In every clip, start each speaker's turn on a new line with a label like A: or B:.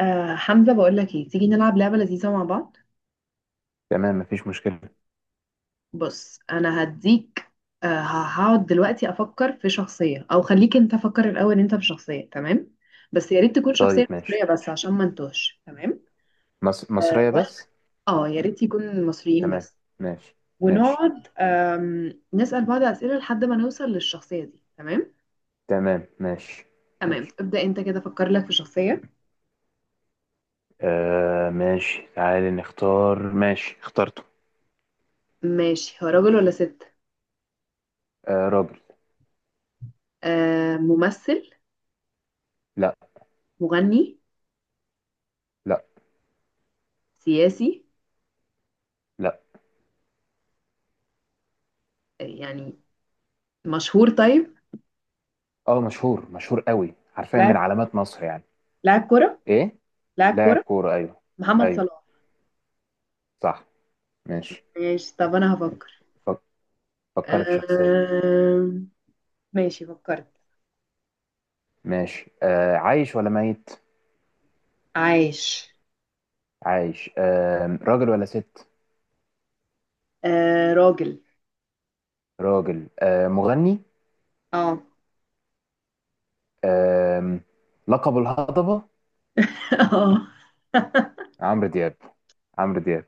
A: حمزة، بقول لك ايه، تيجي نلعب لعبة لذيذة مع بعض.
B: تمام، مفيش مشكلة.
A: بص انا هديك. هقعد دلوقتي افكر في شخصية، او خليك انت فكر الاول انت في شخصية، تمام؟ بس يا ريت تكون
B: طيب
A: شخصية
B: ماشي.
A: مصرية بس، عشان ما نتوهش، تمام. اه.
B: مصرية
A: وأنا-
B: بس.
A: يا ريت يكون مصريين
B: تمام.
A: بس.
B: ماشي. ماشي.
A: ونقعد نسأل بعض أسئلة لحد ما نوصل للشخصية دي، تمام.
B: تمام ماشي.
A: تمام،
B: ماشي
A: ابدأ انت كده فكر لك في شخصية.
B: آه ماشي، تعالي نختار. ماشي، اخترته.
A: ماشي، هو راجل ولا ست؟
B: آه راجل.
A: آه، ممثل؟
B: لا.
A: مغني؟
B: لا.
A: سياسي؟
B: لا.
A: يعني مشهور طيب.
B: اه مشهور، مشهور قوي، حرفيا
A: لاعب.
B: من علامات مصر يعني.
A: لاعب كرة.
B: ايه
A: لاعب
B: لاعب
A: كرة.
B: كورة؟ ايوه.
A: محمد
B: ايوه
A: صلاح.
B: صح. ماشي.
A: ماشي، طب انا
B: ماشي.
A: هفكر.
B: فك... فكري في شخصية.
A: أم... ماشي فكرت.
B: ماشي. آه عايش ولا ميت؟
A: عايش.
B: عايش. آه راجل ولا ست؟
A: راجل.
B: راجل. آه مغني.
A: اه.
B: آم، لقب الهضبة.
A: اه.
B: عمرو دياب. عمرو دياب.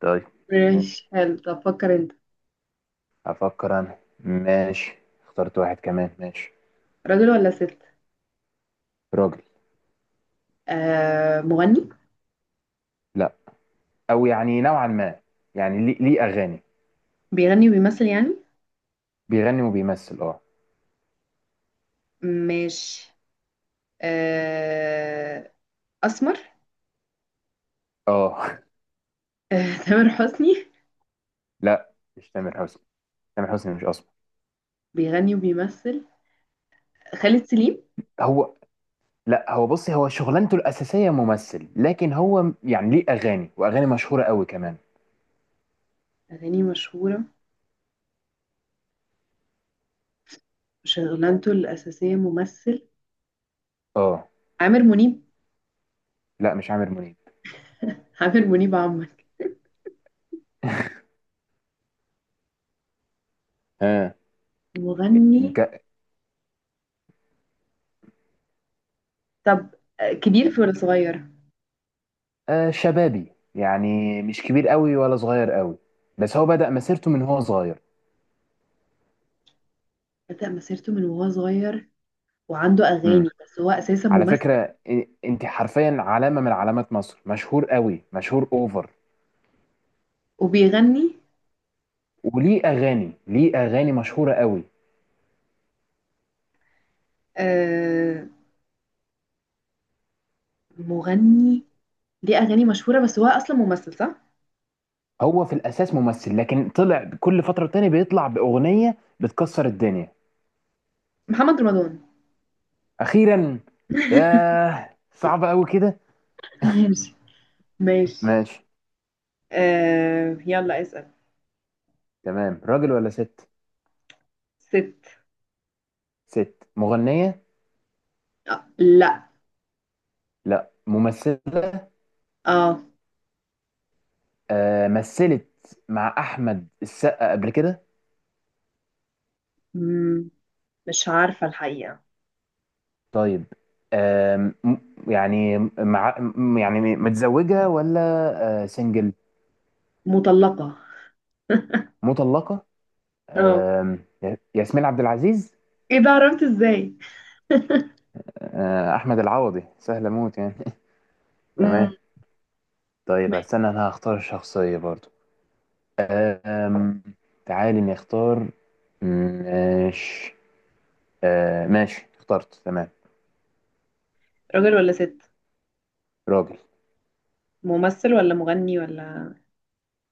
B: طيب. ماشي.
A: ماشي حلو، طب فكر انت.
B: افكر انا ماشي. اخترت واحد كمان ماشي.
A: راجل ولا ست؟
B: راجل.
A: مغني؟
B: لا. او يعني نوعا ما. يعني ليه اغاني.
A: بيغني وبيمثل يعني.
B: بيغني وبيمثل اه.
A: ماشي. أه... اسمر.
B: اه.
A: أه... تامر حسني.
B: لا مش تامر حسني. تامر حسني مش اصلا.
A: بيغني وبيمثل. خالد سليم.
B: هو. لا هو بصي، هو شغلانته الاساسيه ممثل، لكن هو يعني ليه اغاني واغاني مشهوره قوي كمان.
A: أغاني مشهورة. شغلانته الأساسية ممثل.
B: اه.
A: عامر منيب.
B: لا مش عامر منيب.
A: عامر منيب عمك. مغني.
B: ها.
A: طب كبير في ولا صغير؟
B: آه، شبابي يعني، مش كبير قوي ولا صغير قوي. بس هو بدأ مسيرته من هو صغير.
A: بدأ مسيرته من وهو صغير، وعنده
B: امم.
A: أغاني بس هو أساسا
B: على
A: ممثل،
B: فكرة انت حرفيا علامة من علامات مصر، مشهور قوي، مشهور اوفر.
A: وبيغني.
B: وليه اغاني، ليه اغاني مشهورة قوي.
A: آه. مغني. ليه أغاني مشهورة بس هو أصلا ممثل، صح؟
B: هو في الاساس ممثل، لكن طلع كل فترة تاني بيطلع باغنية بتكسر الدنيا.
A: محمد رمضان.
B: اخيرا. ياه صعب قوي كده.
A: ماشي، ماشي.
B: ماشي.
A: آه يلا اسأل.
B: تمام. راجل ولا ست؟
A: ست.
B: ست. مغنية.
A: آه لا.
B: لا، ممثلة.
A: اه.
B: آه، مثلت مع احمد السقا قبل كده.
A: مم، مش عارفة الحقيقة.
B: طيب. آم، يعني مع يعني متزوجه ولا. آه، سنجل.
A: مطلقة.
B: مطلقه.
A: اه.
B: آم، ياسمين عبد العزيز.
A: ايه ده، عرفت ازاي؟
B: آه، احمد العوضي سهله موت يعني.
A: مم.
B: تمام. طيب
A: ماشي.
B: استنى انا هختار الشخصيه برضو. آم، تعالي نختار. ماشي. آه، ماشي اخترت. تمام.
A: راجل ولا ست؟
B: راجل.
A: ممثل ولا مغني ولا؟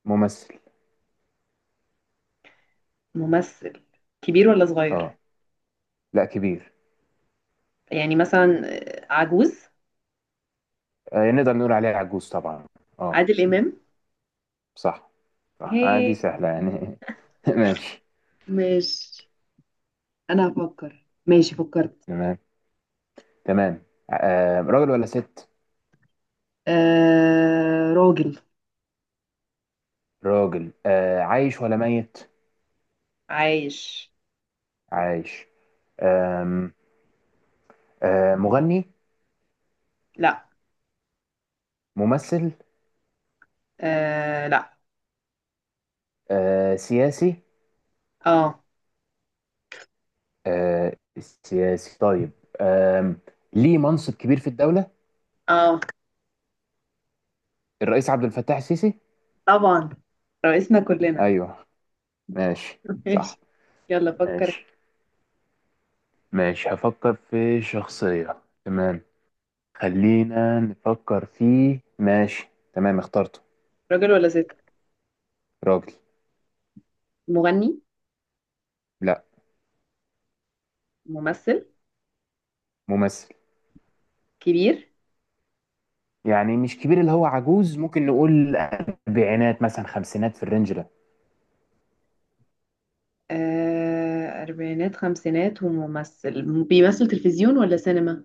B: ممثل.
A: ممثل. كبير ولا صغير؟
B: اه. لا كبير.
A: يعني مثلا عجوز.
B: آه، نقدر نقول عليه عجوز طبعا. اه.
A: عادل إمام.
B: صح. صح،
A: هي.
B: آه دي سهلة يعني. ماشي.
A: ماشي، انا هفكر. ماشي فكرت.
B: تمام. تمام آه راجل ولا ست؟
A: آه راجل.
B: راجل. آه عايش ولا ميت؟
A: عايش.
B: عايش. آم. آه مغني.
A: لا.
B: ممثل.
A: آه لا.
B: آه سياسي.
A: اه.
B: آه سياسي طيب. آم. ليه منصب كبير في الدولة؟
A: اه.
B: الرئيس عبد الفتاح السيسي؟
A: طبعا، رئيسنا كلنا.
B: ايوه. ماشي. صح.
A: ماشي. يلا فكر.
B: ماشي. ماشي هفكر في شخصية. تمام. خلينا نفكر في. ماشي. تمام اخترته.
A: راجل ولا ست؟
B: راجل.
A: مغني؟
B: لا.
A: ممثل؟
B: ممثل.
A: كبير؟
B: يعني مش كبير اللي هو عجوز، ممكن نقول أربعينات مثلا خمسينات، في الرينج ده.
A: أربعينات خمسينات، وممثل بيمثل تلفزيون ولا سينما؟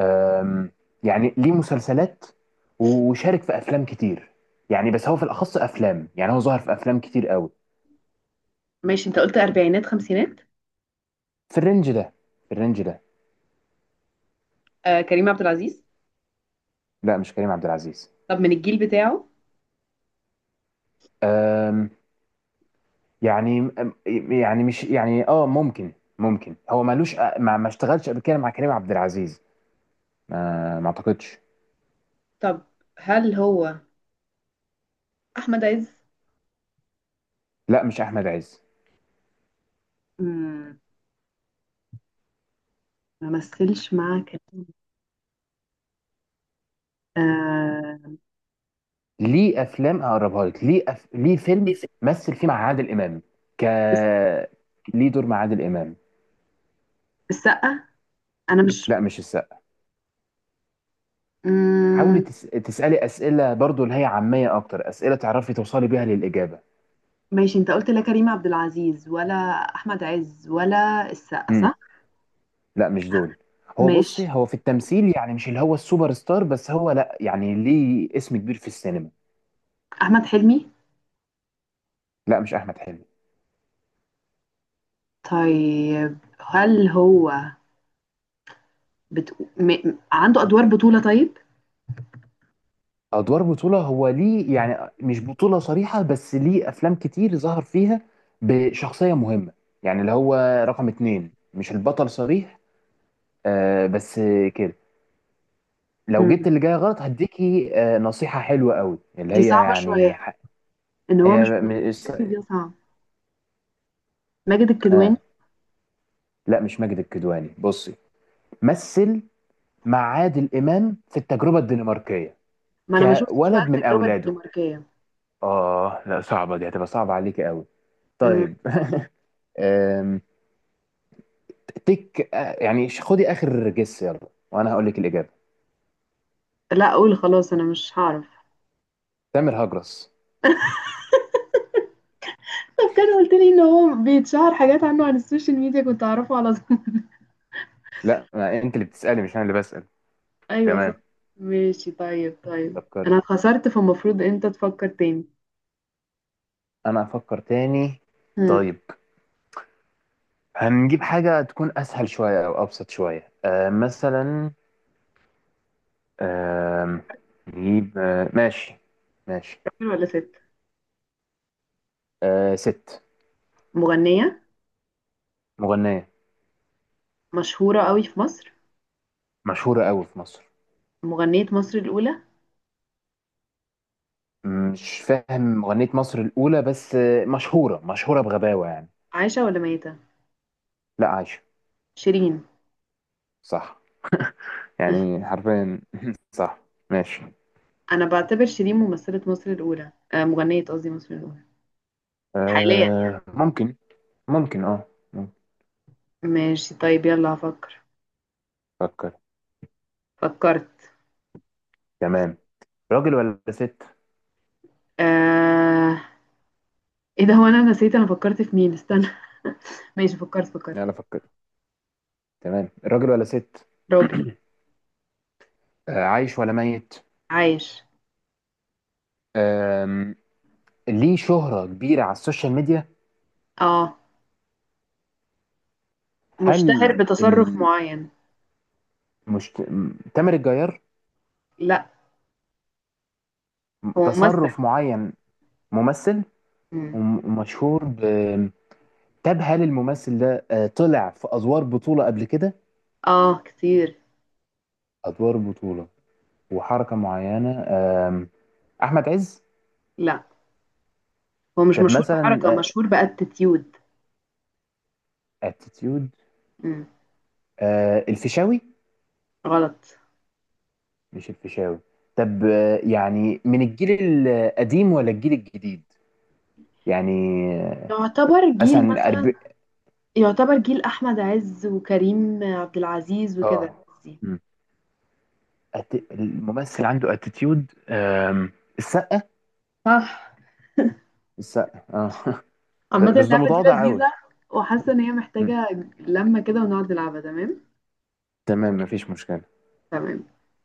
B: أم، يعني ليه مسلسلات، وشارك في أفلام كتير. يعني بس هو في الأخص أفلام، يعني هو ظهر في أفلام كتير قوي.
A: ماشي، انت قلت اربعينات خمسينات.
B: في الرينج ده في الرينج ده.
A: آه كريم عبد العزيز.
B: لا مش كريم عبد العزيز.
A: طب من الجيل بتاعه؟
B: أم، يعني أم، يعني مش يعني اه ممكن. ممكن هو مالوش آه، ما اشتغلش قبل كده مع كريم عبد العزيز. ما اعتقدش.
A: طب هل هو احمد عز؟
B: لا مش احمد عز.
A: مم، ما مثلش مع كريم. آه...
B: ليه افلام اقربها لك، ليه ليه فيلم
A: الس-
B: مثل فيه مع عادل امام. ك ليه دور مع عادل امام.
A: السقا. انا مش.
B: لا مش السقا. حاولي
A: مم،
B: تسالي اسئله برضو اللي هي عاميه اكتر، اسئله تعرفي توصلي بيها للاجابه.
A: ماشي، انت قلت لا كريم عبد العزيز ولا احمد عز ولا السقا،
B: امم.
A: صح؟
B: لا مش دول. هو
A: ماشي.
B: بصي، هو في التمثيل يعني مش اللي هو السوبر ستار، بس هو لا، يعني ليه اسم كبير في السينما.
A: احمد حلمي.
B: لا مش احمد حلمي.
A: طيب هل هو عنده ادوار بطولة طيب؟
B: ادوار بطوله هو ليه، يعني مش بطوله صريحه بس ليه افلام كتير ظهر فيها بشخصيه مهمه. يعني اللي هو رقم اتنين مش البطل صريح. آه بس كده. لو جبت
A: مم،
B: اللي جاي غلط هديكي آه نصيحه حلوه قوي اللي
A: دي
B: هي
A: صعبة
B: يعني
A: شوية، ان هو
B: هي
A: مش
B: م-
A: ممثل أساسي، دي صعبة. ماجد الكدواني.
B: آه لا مش ماجد الكدواني. بصي، مثل مع عادل امام في التجربه الدنماركيه.
A: ما انا ما شفتش بقى
B: كولد من
A: التجربه
B: اولاده.
A: الدنماركيه.
B: اه لا صعبه، دي هتبقى صعبه عليك قوي.
A: مم.
B: طيب. تك آه، يعني خدي اخر جس يلا وانا هقول لك الاجابه.
A: لا اقول خلاص انا مش هعرف.
B: تامر هجرس.
A: طب كان قلت لي ان هو بيتشهر حاجات عنه على السوشيال ميديا، كنت اعرفه على طول.
B: لا ما انت اللي بتسالي مش انا اللي بسال.
A: ايوه صح.
B: تمام.
A: ماشي، طيب طيب.
B: فكري
A: انا
B: يعني.
A: اتخسرت، فالمفروض انت تفكر تاني.
B: انا افكر تاني.
A: مم.
B: طيب. هنجيب حاجه تكون اسهل شويه او ابسط شويه، آه مثلا آه نجيب آه ماشي. ماشي.
A: راجل ولا ست؟
B: آه ست.
A: مغنيه.
B: مغنيه.
A: مشهوره قوي في مصر.
B: مشهوره قوي في مصر.
A: مغنيه مصر الاولى.
B: مش فاهم مغنيه مصر الاولى، بس آه، مشهوره مشهوره بغباوه يعني.
A: عايشه ولا ميته؟
B: لا عايشه.
A: شيرين.
B: صح. يعني حرفيا صح. ماشي.
A: انا بعتبر شيرين ممثله مصر الاولى، آه مغنيه قصدي مصر الاولى، حاليا يعني.
B: آه ممكن. ممكن اه ممكن.
A: ماشي طيب، يلا هفكر.
B: فكر.
A: فكرت.
B: تمام. راجل ولا ست؟
A: آه... ايه ده، هو انا نسيت، انا فكرت في مين، استنى. ماشي فكرت فكرت.
B: يلا فكر. تمام راجل ولا ست؟
A: راجل.
B: آه عايش ولا ميت؟
A: عايش.
B: آم، ليه شهرة كبيرة على السوشيال ميديا.
A: اه. مشتهر
B: هل
A: بتصرف معين.
B: تامر الجيار.
A: لا، هو ممثل.
B: تصرف معين. ممثل.
A: مم.
B: ومشهور ب... طب هل الممثل ده آه، طلع في أدوار بطولة قبل كده؟
A: اه كتير.
B: أدوار بطولة وحركة معينة. آم، أحمد عز.
A: لا، هو مش
B: طب
A: مشهور بحركة،
B: مثلا
A: مشهور باتيتيود.
B: اتيتيود.
A: مم.
B: الفيشاوي.
A: غلط.
B: مش الفيشاوي. طب آه، يعني من الجيل القديم ولا الجيل الجديد؟ يعني آه،
A: يعتبر جيل
B: مثلا
A: مثلا. يعتبر جيل احمد عز وكريم عبد العزيز وكده.
B: اه. مم. الممثل عنده اتيتيود. السقة.
A: صح.
B: السقة اه.
A: عامة
B: بس ده
A: اللعبة دي
B: متواضع قوي.
A: لذيذة، وحاسة ان هي
B: مم.
A: محتاجة لمة كده ونقعد نلعبها، تمام.
B: تمام مفيش مشكلة.
A: تمام.